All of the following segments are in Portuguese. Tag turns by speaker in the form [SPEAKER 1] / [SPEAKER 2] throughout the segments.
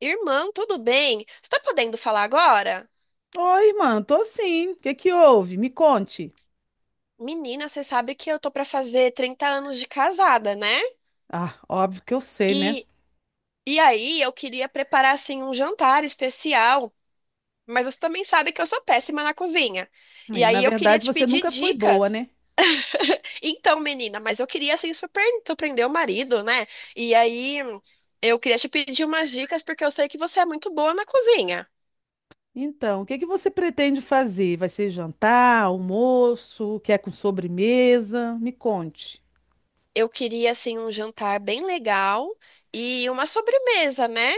[SPEAKER 1] Irmã, tudo bem? Você tá podendo falar agora?
[SPEAKER 2] Oi, mano. Tô sim. O que que houve? Me conte.
[SPEAKER 1] Menina, você sabe que eu tô pra fazer 30 anos de casada, né?
[SPEAKER 2] Ah, óbvio que eu sei, né?
[SPEAKER 1] E, e aí eu queria preparar assim um jantar especial, mas você também sabe que eu sou péssima na cozinha. E
[SPEAKER 2] É, na
[SPEAKER 1] aí eu queria
[SPEAKER 2] verdade,
[SPEAKER 1] te
[SPEAKER 2] você
[SPEAKER 1] pedir
[SPEAKER 2] nunca foi boa,
[SPEAKER 1] dicas.
[SPEAKER 2] né?
[SPEAKER 1] Então, menina, mas eu queria assim surpreender o marido, né? E aí eu queria te pedir umas dicas porque eu sei que você é muito boa na cozinha.
[SPEAKER 2] Então, o que que você pretende fazer? Vai ser jantar, almoço, quer com sobremesa? Me conte.
[SPEAKER 1] Eu queria assim um jantar bem legal e uma sobremesa, né?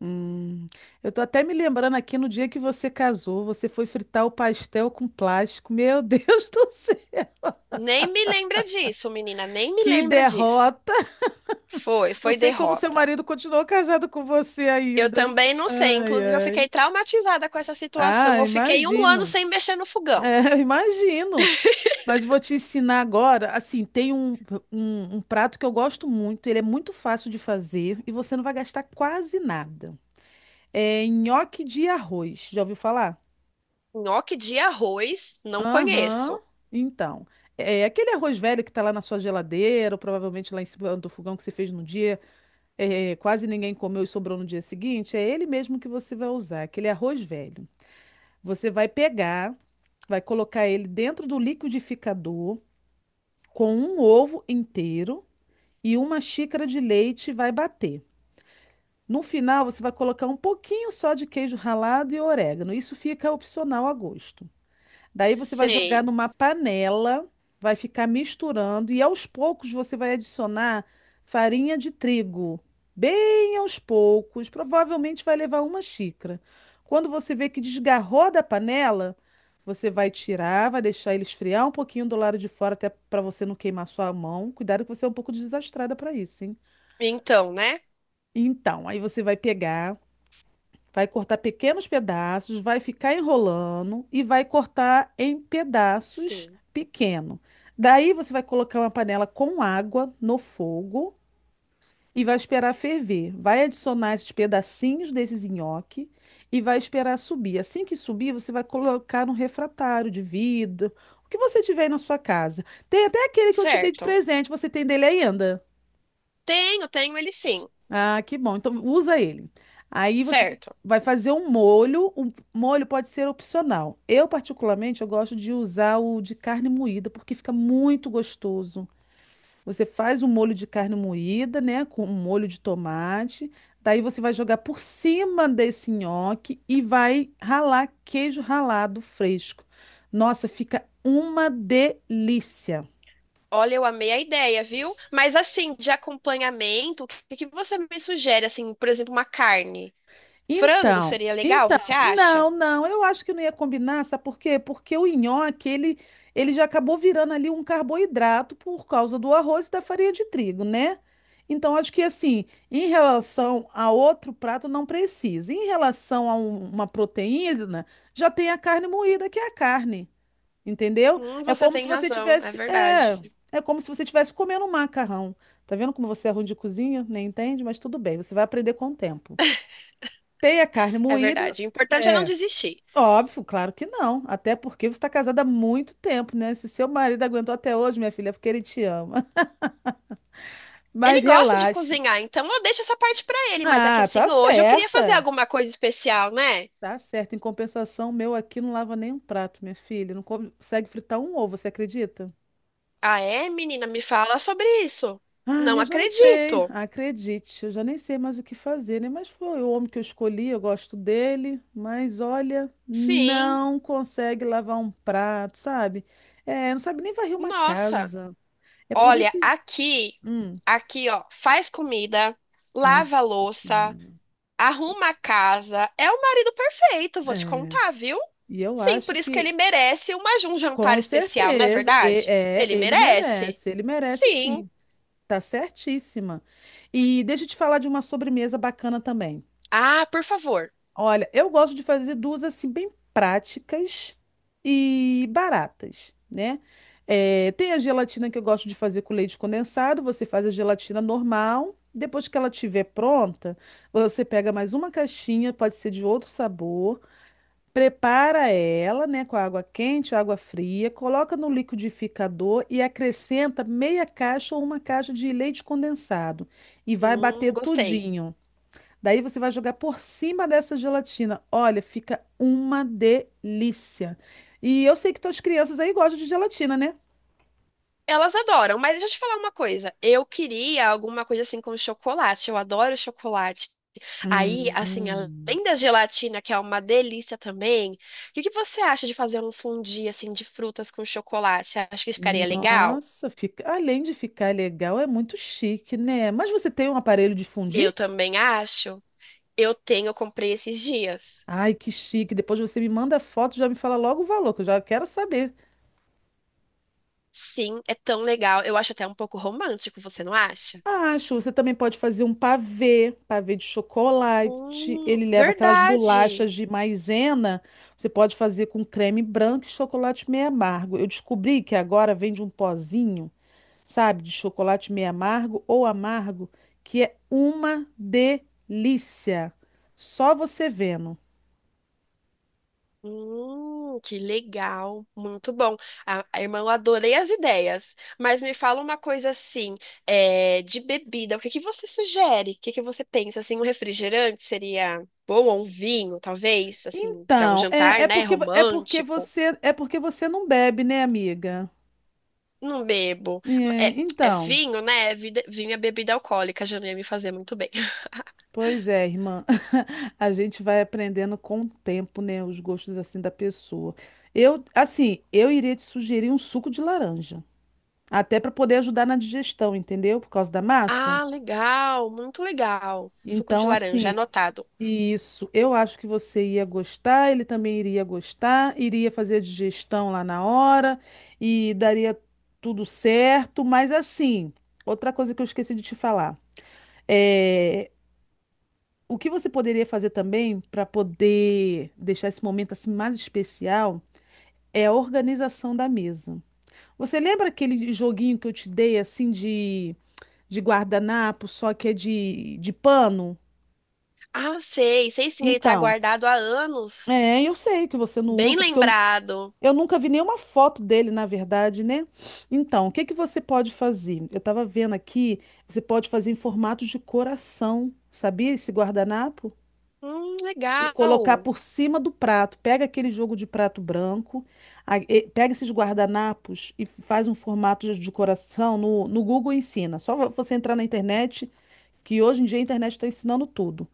[SPEAKER 2] Hum, eu tô até me lembrando aqui no dia que você casou, você foi fritar o pastel com plástico. Meu Deus do céu,
[SPEAKER 1] Nem me lembra disso, menina, nem me
[SPEAKER 2] que
[SPEAKER 1] lembra disso.
[SPEAKER 2] derrota!
[SPEAKER 1] Foi,
[SPEAKER 2] Não
[SPEAKER 1] foi
[SPEAKER 2] sei como seu
[SPEAKER 1] derrota.
[SPEAKER 2] marido continuou casado com você
[SPEAKER 1] Eu
[SPEAKER 2] ainda.
[SPEAKER 1] também não sei,
[SPEAKER 2] Ai,
[SPEAKER 1] inclusive eu
[SPEAKER 2] ai.
[SPEAKER 1] fiquei traumatizada com essa situação.
[SPEAKER 2] Ah,
[SPEAKER 1] Eu fiquei um ano
[SPEAKER 2] imagino.
[SPEAKER 1] sem mexer no fogão.
[SPEAKER 2] É, eu imagino. Mas vou te ensinar agora. Assim, tem um prato que eu gosto muito. Ele é muito fácil de fazer e você não vai gastar quase nada. É nhoque de arroz. Já ouviu falar?
[SPEAKER 1] Nhoque de arroz, não
[SPEAKER 2] Aham.
[SPEAKER 1] conheço.
[SPEAKER 2] Então, é aquele arroz velho que tá lá na sua geladeira, ou provavelmente lá em cima do fogão que você fez no dia, quase ninguém comeu e sobrou no dia seguinte. É ele mesmo que você vai usar, aquele arroz velho. Você vai pegar, vai colocar ele dentro do liquidificador com um ovo inteiro e uma xícara de leite, vai bater. No final, você vai colocar um pouquinho só de queijo ralado e orégano. Isso fica opcional a gosto. Daí você vai jogar
[SPEAKER 1] Sei.
[SPEAKER 2] numa panela, vai ficar misturando e aos poucos você vai adicionar farinha de trigo, bem aos poucos, provavelmente vai levar uma xícara. Quando você vê que desgarrou da panela, você vai tirar, vai deixar ele esfriar um pouquinho do lado de fora, até para você não queimar sua mão. Cuidado que você é um pouco desastrada para isso, hein?
[SPEAKER 1] Então, né?
[SPEAKER 2] Então, aí você vai pegar, vai cortar pequenos pedaços, vai ficar enrolando e vai cortar em pedaços
[SPEAKER 1] Sim.
[SPEAKER 2] pequeno. Daí você vai colocar uma panela com água no fogo e vai esperar ferver. Vai adicionar esses pedacinhos desses nhoque e vai esperar subir. Assim que subir, você vai colocar no refratário de vidro, o que você tiver aí na sua casa. Tem até aquele que eu te dei de
[SPEAKER 1] Certo.
[SPEAKER 2] presente, você tem dele ainda?
[SPEAKER 1] Tenho, tenho ele sim.
[SPEAKER 2] Ah, que bom. Então usa ele. Aí você
[SPEAKER 1] Certo.
[SPEAKER 2] vai fazer um molho. O molho pode ser opcional. Eu, particularmente, eu gosto de usar o de carne moída, porque fica muito gostoso. Você faz um molho de carne moída, né? Com um molho de tomate. Daí você vai jogar por cima desse nhoque e vai ralar queijo ralado fresco. Nossa, fica uma delícia.
[SPEAKER 1] Olha, eu amei a ideia, viu? Mas assim, de acompanhamento, o que que você me sugere? Assim, por exemplo, uma carne. Frango
[SPEAKER 2] Então,
[SPEAKER 1] seria legal,
[SPEAKER 2] então,
[SPEAKER 1] você acha?
[SPEAKER 2] não, não, eu acho que não ia combinar, sabe por quê? Porque o nhoque, ele já acabou virando ali um carboidrato por causa do arroz e da farinha de trigo, né? Então, acho que assim, em relação a outro prato, não precisa. Em relação a uma proteína, já tem a carne moída, que é a carne, entendeu? É
[SPEAKER 1] Você
[SPEAKER 2] como
[SPEAKER 1] tem
[SPEAKER 2] se você
[SPEAKER 1] razão, é
[SPEAKER 2] tivesse, é,
[SPEAKER 1] verdade.
[SPEAKER 2] é como se você tivesse comendo um macarrão. Tá vendo como você é ruim de cozinha? Nem entende, mas tudo bem, você vai aprender com o tempo. Tem a carne
[SPEAKER 1] É
[SPEAKER 2] moída?
[SPEAKER 1] verdade. O importante é não
[SPEAKER 2] É,
[SPEAKER 1] desistir.
[SPEAKER 2] óbvio, claro que não. Até porque você está casada há muito tempo, né? Se seu marido aguentou até hoje, minha filha, é porque ele te ama.
[SPEAKER 1] Ele
[SPEAKER 2] Mas
[SPEAKER 1] gosta de
[SPEAKER 2] relaxe.
[SPEAKER 1] cozinhar, então eu deixo essa parte pra ele, mas é que
[SPEAKER 2] Ah, tá
[SPEAKER 1] assim, hoje eu queria fazer
[SPEAKER 2] certa.
[SPEAKER 1] alguma coisa especial, né?
[SPEAKER 2] Tá certa. Em compensação, o meu aqui não lava nem um prato, minha filha. Não consegue fritar um ovo, você acredita?
[SPEAKER 1] Ah, é, menina, me fala sobre isso.
[SPEAKER 2] Ah,
[SPEAKER 1] Não
[SPEAKER 2] eu já não sei,
[SPEAKER 1] acredito.
[SPEAKER 2] acredite, eu já nem sei mais o que fazer, né? Mas foi o homem que eu escolhi, eu gosto dele, mas olha,
[SPEAKER 1] Sim.
[SPEAKER 2] não consegue lavar um prato, sabe? É, não sabe nem varrer uma
[SPEAKER 1] Nossa.
[SPEAKER 2] casa. É por
[SPEAKER 1] Olha,
[SPEAKER 2] isso.
[SPEAKER 1] aqui,
[SPEAKER 2] Hum,
[SPEAKER 1] aqui, ó, faz comida, lava a
[SPEAKER 2] nossa
[SPEAKER 1] louça,
[SPEAKER 2] Senhora.
[SPEAKER 1] arruma a casa. É o marido perfeito, vou te
[SPEAKER 2] É,
[SPEAKER 1] contar, viu?
[SPEAKER 2] e eu
[SPEAKER 1] Sim, por
[SPEAKER 2] acho
[SPEAKER 1] isso que ele
[SPEAKER 2] que,
[SPEAKER 1] merece uma, um jantar
[SPEAKER 2] com
[SPEAKER 1] especial, não é
[SPEAKER 2] certeza,
[SPEAKER 1] verdade?
[SPEAKER 2] é,
[SPEAKER 1] Ele merece.
[SPEAKER 2] ele merece
[SPEAKER 1] Sim.
[SPEAKER 2] sim, tá certíssima. E deixa eu te falar de uma sobremesa bacana também.
[SPEAKER 1] Ah, por favor.
[SPEAKER 2] Olha, eu gosto de fazer duas assim bem práticas e baratas, né? Tem a gelatina que eu gosto de fazer com leite condensado. Você faz a gelatina normal. Depois que ela estiver pronta, você pega mais uma caixinha, pode ser de outro sabor. Prepara ela, né, com água quente, água fria, coloca no liquidificador e acrescenta meia caixa ou uma caixa de leite condensado e vai bater
[SPEAKER 1] Gostei.
[SPEAKER 2] tudinho. Daí você vai jogar por cima dessa gelatina. Olha, fica uma delícia. E eu sei que tuas crianças aí gostam de gelatina, né?
[SPEAKER 1] Elas adoram, mas deixa eu te falar uma coisa. Eu queria alguma coisa assim com chocolate. Eu adoro chocolate. Aí, assim,
[SPEAKER 2] Hum,
[SPEAKER 1] além da gelatina, que é uma delícia também, o que que você acha de fazer um fondue assim de frutas com chocolate? Você acha que ficaria legal?
[SPEAKER 2] nossa, fica, além de ficar legal, é muito chique, né? Mas você tem um aparelho de fundir?
[SPEAKER 1] Eu também acho. Eu tenho, eu comprei esses dias.
[SPEAKER 2] Ai, que chique. Depois você me manda a foto, já me fala logo o valor, que eu já quero saber.
[SPEAKER 1] Sim, é tão legal. Eu acho até um pouco romântico, você não acha?
[SPEAKER 2] Acho, você também pode fazer um pavê, pavê de chocolate. Ele leva aquelas
[SPEAKER 1] Verdade.
[SPEAKER 2] bolachas de maisena. Você pode fazer com creme branco e chocolate meio amargo. Eu descobri que agora vende um pozinho, sabe, de chocolate meio amargo ou amargo, que é uma delícia. Só você vendo.
[SPEAKER 1] Que legal. Muito bom. A irmã, eu adorei as ideias. Mas me fala uma coisa assim, é, de bebida. O que que você sugere? O que que você pensa? Assim, um refrigerante seria bom ou um vinho, talvez? Assim, para um
[SPEAKER 2] Então,
[SPEAKER 1] jantar,
[SPEAKER 2] é
[SPEAKER 1] né?
[SPEAKER 2] porque é porque
[SPEAKER 1] Romântico.
[SPEAKER 2] você é porque você não bebe, né, amiga?
[SPEAKER 1] Não bebo. Ma-
[SPEAKER 2] É,
[SPEAKER 1] É, é
[SPEAKER 2] então.
[SPEAKER 1] vinho, né? É vida- Vinho é bebida alcoólica, já não ia me fazer muito bem.
[SPEAKER 2] Pois é, irmã. A gente vai aprendendo com o tempo, né, os gostos assim da pessoa. Eu, assim, eu iria te sugerir um suco de laranja, até para poder ajudar na digestão, entendeu? Por causa da massa.
[SPEAKER 1] Ah, legal, muito legal. Suco de
[SPEAKER 2] Então,
[SPEAKER 1] laranja,
[SPEAKER 2] assim,
[SPEAKER 1] anotado.
[SPEAKER 2] isso, eu acho que você ia gostar, ele também iria gostar, iria fazer a digestão lá na hora e daria tudo certo, mas assim, outra coisa que eu esqueci de te falar. eh, O que você poderia fazer também para poder deixar esse momento assim mais especial é a organização da mesa. Você lembra aquele joguinho que eu te dei assim de guardanapo, só que é de pano?
[SPEAKER 1] Ah, sei, sei sim, ele tá
[SPEAKER 2] Então,
[SPEAKER 1] guardado há anos.
[SPEAKER 2] eu sei que você não
[SPEAKER 1] Bem
[SPEAKER 2] usa, porque eu,
[SPEAKER 1] lembrado.
[SPEAKER 2] eu nunca vi nenhuma foto dele, na verdade, né? Então, o que que você pode fazer? Eu estava vendo aqui, você pode fazer em formato de coração, sabia esse guardanapo? E colocar
[SPEAKER 1] Legal.
[SPEAKER 2] por cima do prato. Pega aquele jogo de prato branco, pega esses guardanapos e faz um formato de decoração no Google ensina. Só você entrar na internet, que hoje em dia a internet está ensinando tudo.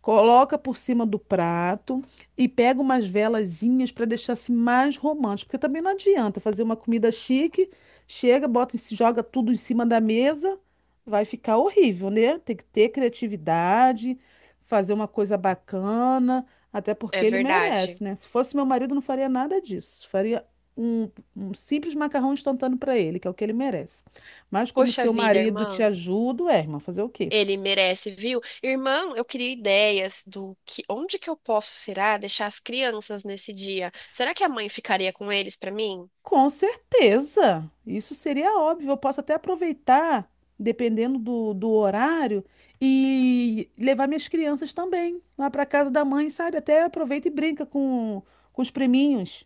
[SPEAKER 2] Coloca por cima do prato e pega umas velazinhas para deixar assim mais romântico, porque também não adianta fazer uma comida chique, chega, bota, joga tudo em cima da mesa, vai ficar horrível, né? Tem que ter criatividade, fazer uma coisa bacana, até
[SPEAKER 1] É
[SPEAKER 2] porque ele
[SPEAKER 1] verdade.
[SPEAKER 2] merece, né? Se fosse meu marido, não faria nada disso. Faria um, um simples macarrão instantâneo para ele, que é o que ele merece. Mas como
[SPEAKER 1] Poxa
[SPEAKER 2] seu
[SPEAKER 1] vida,
[SPEAKER 2] marido te
[SPEAKER 1] irmã.
[SPEAKER 2] ajuda, é, irmã, fazer o quê?
[SPEAKER 1] Ele merece, viu? Irmã, eu queria ideias do que, onde que eu posso, será, deixar as crianças nesse dia? Será que a mãe ficaria com eles pra mim?
[SPEAKER 2] Com certeza, isso seria óbvio. Eu posso até aproveitar, dependendo do horário, e levar minhas crianças também lá para casa da mãe, sabe? Até aproveita e brinca com os priminhos.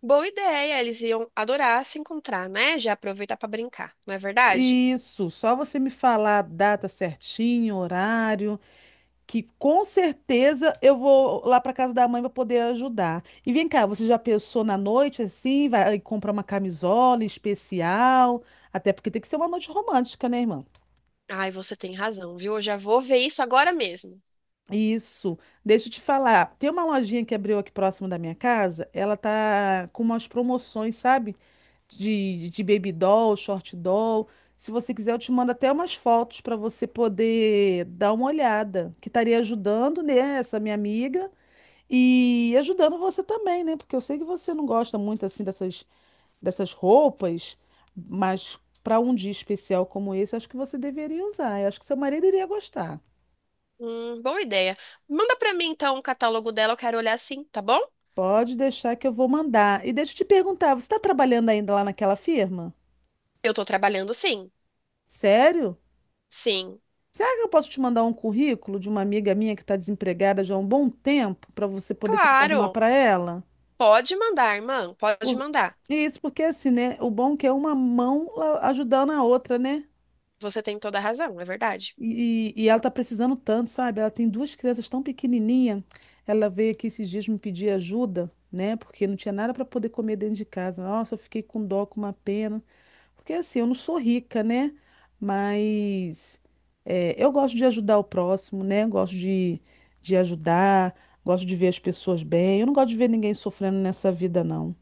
[SPEAKER 1] Boa ideia, eles iam adorar se encontrar, né? Já aproveitar pra brincar, não é verdade?
[SPEAKER 2] Isso, só você me falar a data certinho, horário, que com certeza eu vou lá para casa da mãe para poder ajudar. E vem cá, você já pensou na noite assim, vai comprar uma camisola especial? Até porque tem que ser uma noite romântica, né, irmã?
[SPEAKER 1] Ai, você tem razão, viu? Eu já vou ver isso agora mesmo.
[SPEAKER 2] Isso. Deixa eu te falar. Tem uma lojinha que abriu aqui próximo da minha casa. Ela tá com umas promoções, sabe? De baby doll, short doll. Se você quiser, eu te mando até umas fotos para você poder dar uma olhada. Que estaria ajudando, né, essa minha amiga e ajudando você também, né? Porque eu sei que você não gosta muito assim dessas roupas, mas para um dia especial como esse, acho que você deveria usar. Eu acho que seu marido iria gostar.
[SPEAKER 1] Boa ideia. Manda pra mim então o catálogo dela, eu quero olhar sim, tá bom?
[SPEAKER 2] Pode deixar que eu vou mandar. E deixa eu te perguntar, você está trabalhando ainda lá naquela firma?
[SPEAKER 1] Eu tô trabalhando sim.
[SPEAKER 2] Sério?
[SPEAKER 1] Sim,
[SPEAKER 2] Será que eu posso te mandar um currículo de uma amiga minha que está desempregada já há um bom tempo para você poder tentar arrumar
[SPEAKER 1] claro.
[SPEAKER 2] para ela?
[SPEAKER 1] Pode mandar, irmã, pode
[SPEAKER 2] Por...
[SPEAKER 1] mandar.
[SPEAKER 2] Isso, porque assim, né? O bom é que é uma mão ajudando a outra, né?
[SPEAKER 1] Você tem toda a razão, é verdade.
[SPEAKER 2] E ela tá precisando tanto, sabe? Ela tem duas crianças tão pequenininha. Ela veio aqui esses dias me pedir ajuda, né? Porque não tinha nada para poder comer dentro de casa. Nossa, eu fiquei com dó, com uma pena. Porque assim, eu não sou rica, né? Mas eu gosto de ajudar o próximo, né? Gosto de ajudar, gosto de ver as pessoas bem. Eu não gosto de ver ninguém sofrendo nessa vida, não.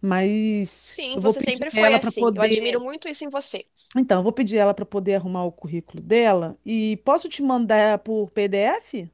[SPEAKER 2] Mas
[SPEAKER 1] Sim,
[SPEAKER 2] eu vou
[SPEAKER 1] você
[SPEAKER 2] pedir
[SPEAKER 1] sempre
[SPEAKER 2] a
[SPEAKER 1] foi
[SPEAKER 2] ela para
[SPEAKER 1] assim. Eu admiro
[SPEAKER 2] poder.
[SPEAKER 1] muito isso em você.
[SPEAKER 2] Então, eu vou pedir ela para poder arrumar o currículo dela. E posso te mandar por PDF?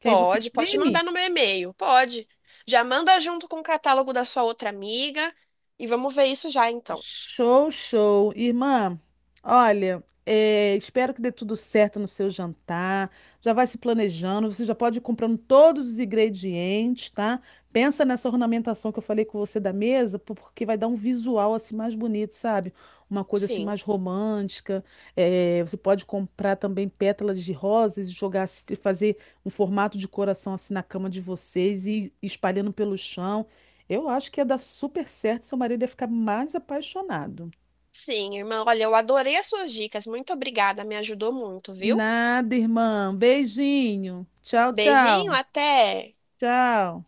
[SPEAKER 2] Que aí você
[SPEAKER 1] Pode, pode
[SPEAKER 2] imprime?
[SPEAKER 1] mandar no meu e-mail, pode. Já manda junto com o catálogo da sua outra amiga e vamos ver isso já então.
[SPEAKER 2] Show, show. Irmã, olha, espero que dê tudo certo no seu jantar. Já vai se planejando, você já pode ir comprando todos os ingredientes, tá? Pensa nessa ornamentação que eu falei com você da mesa, porque vai dar um visual assim mais bonito, sabe? Uma coisa assim
[SPEAKER 1] Sim,
[SPEAKER 2] mais romântica. Você pode comprar também pétalas de rosas e jogar, assim, fazer um formato de coração assim na cama de vocês e espalhando pelo chão. Eu acho que ia dar super certo, seu marido ia ficar mais apaixonado.
[SPEAKER 1] sim, irmã. Olha, eu adorei as suas dicas. Muito obrigada, me ajudou muito, viu?
[SPEAKER 2] Nada, irmã. Beijinho. Tchau,
[SPEAKER 1] Beijinho,
[SPEAKER 2] tchau.
[SPEAKER 1] até.
[SPEAKER 2] Tchau.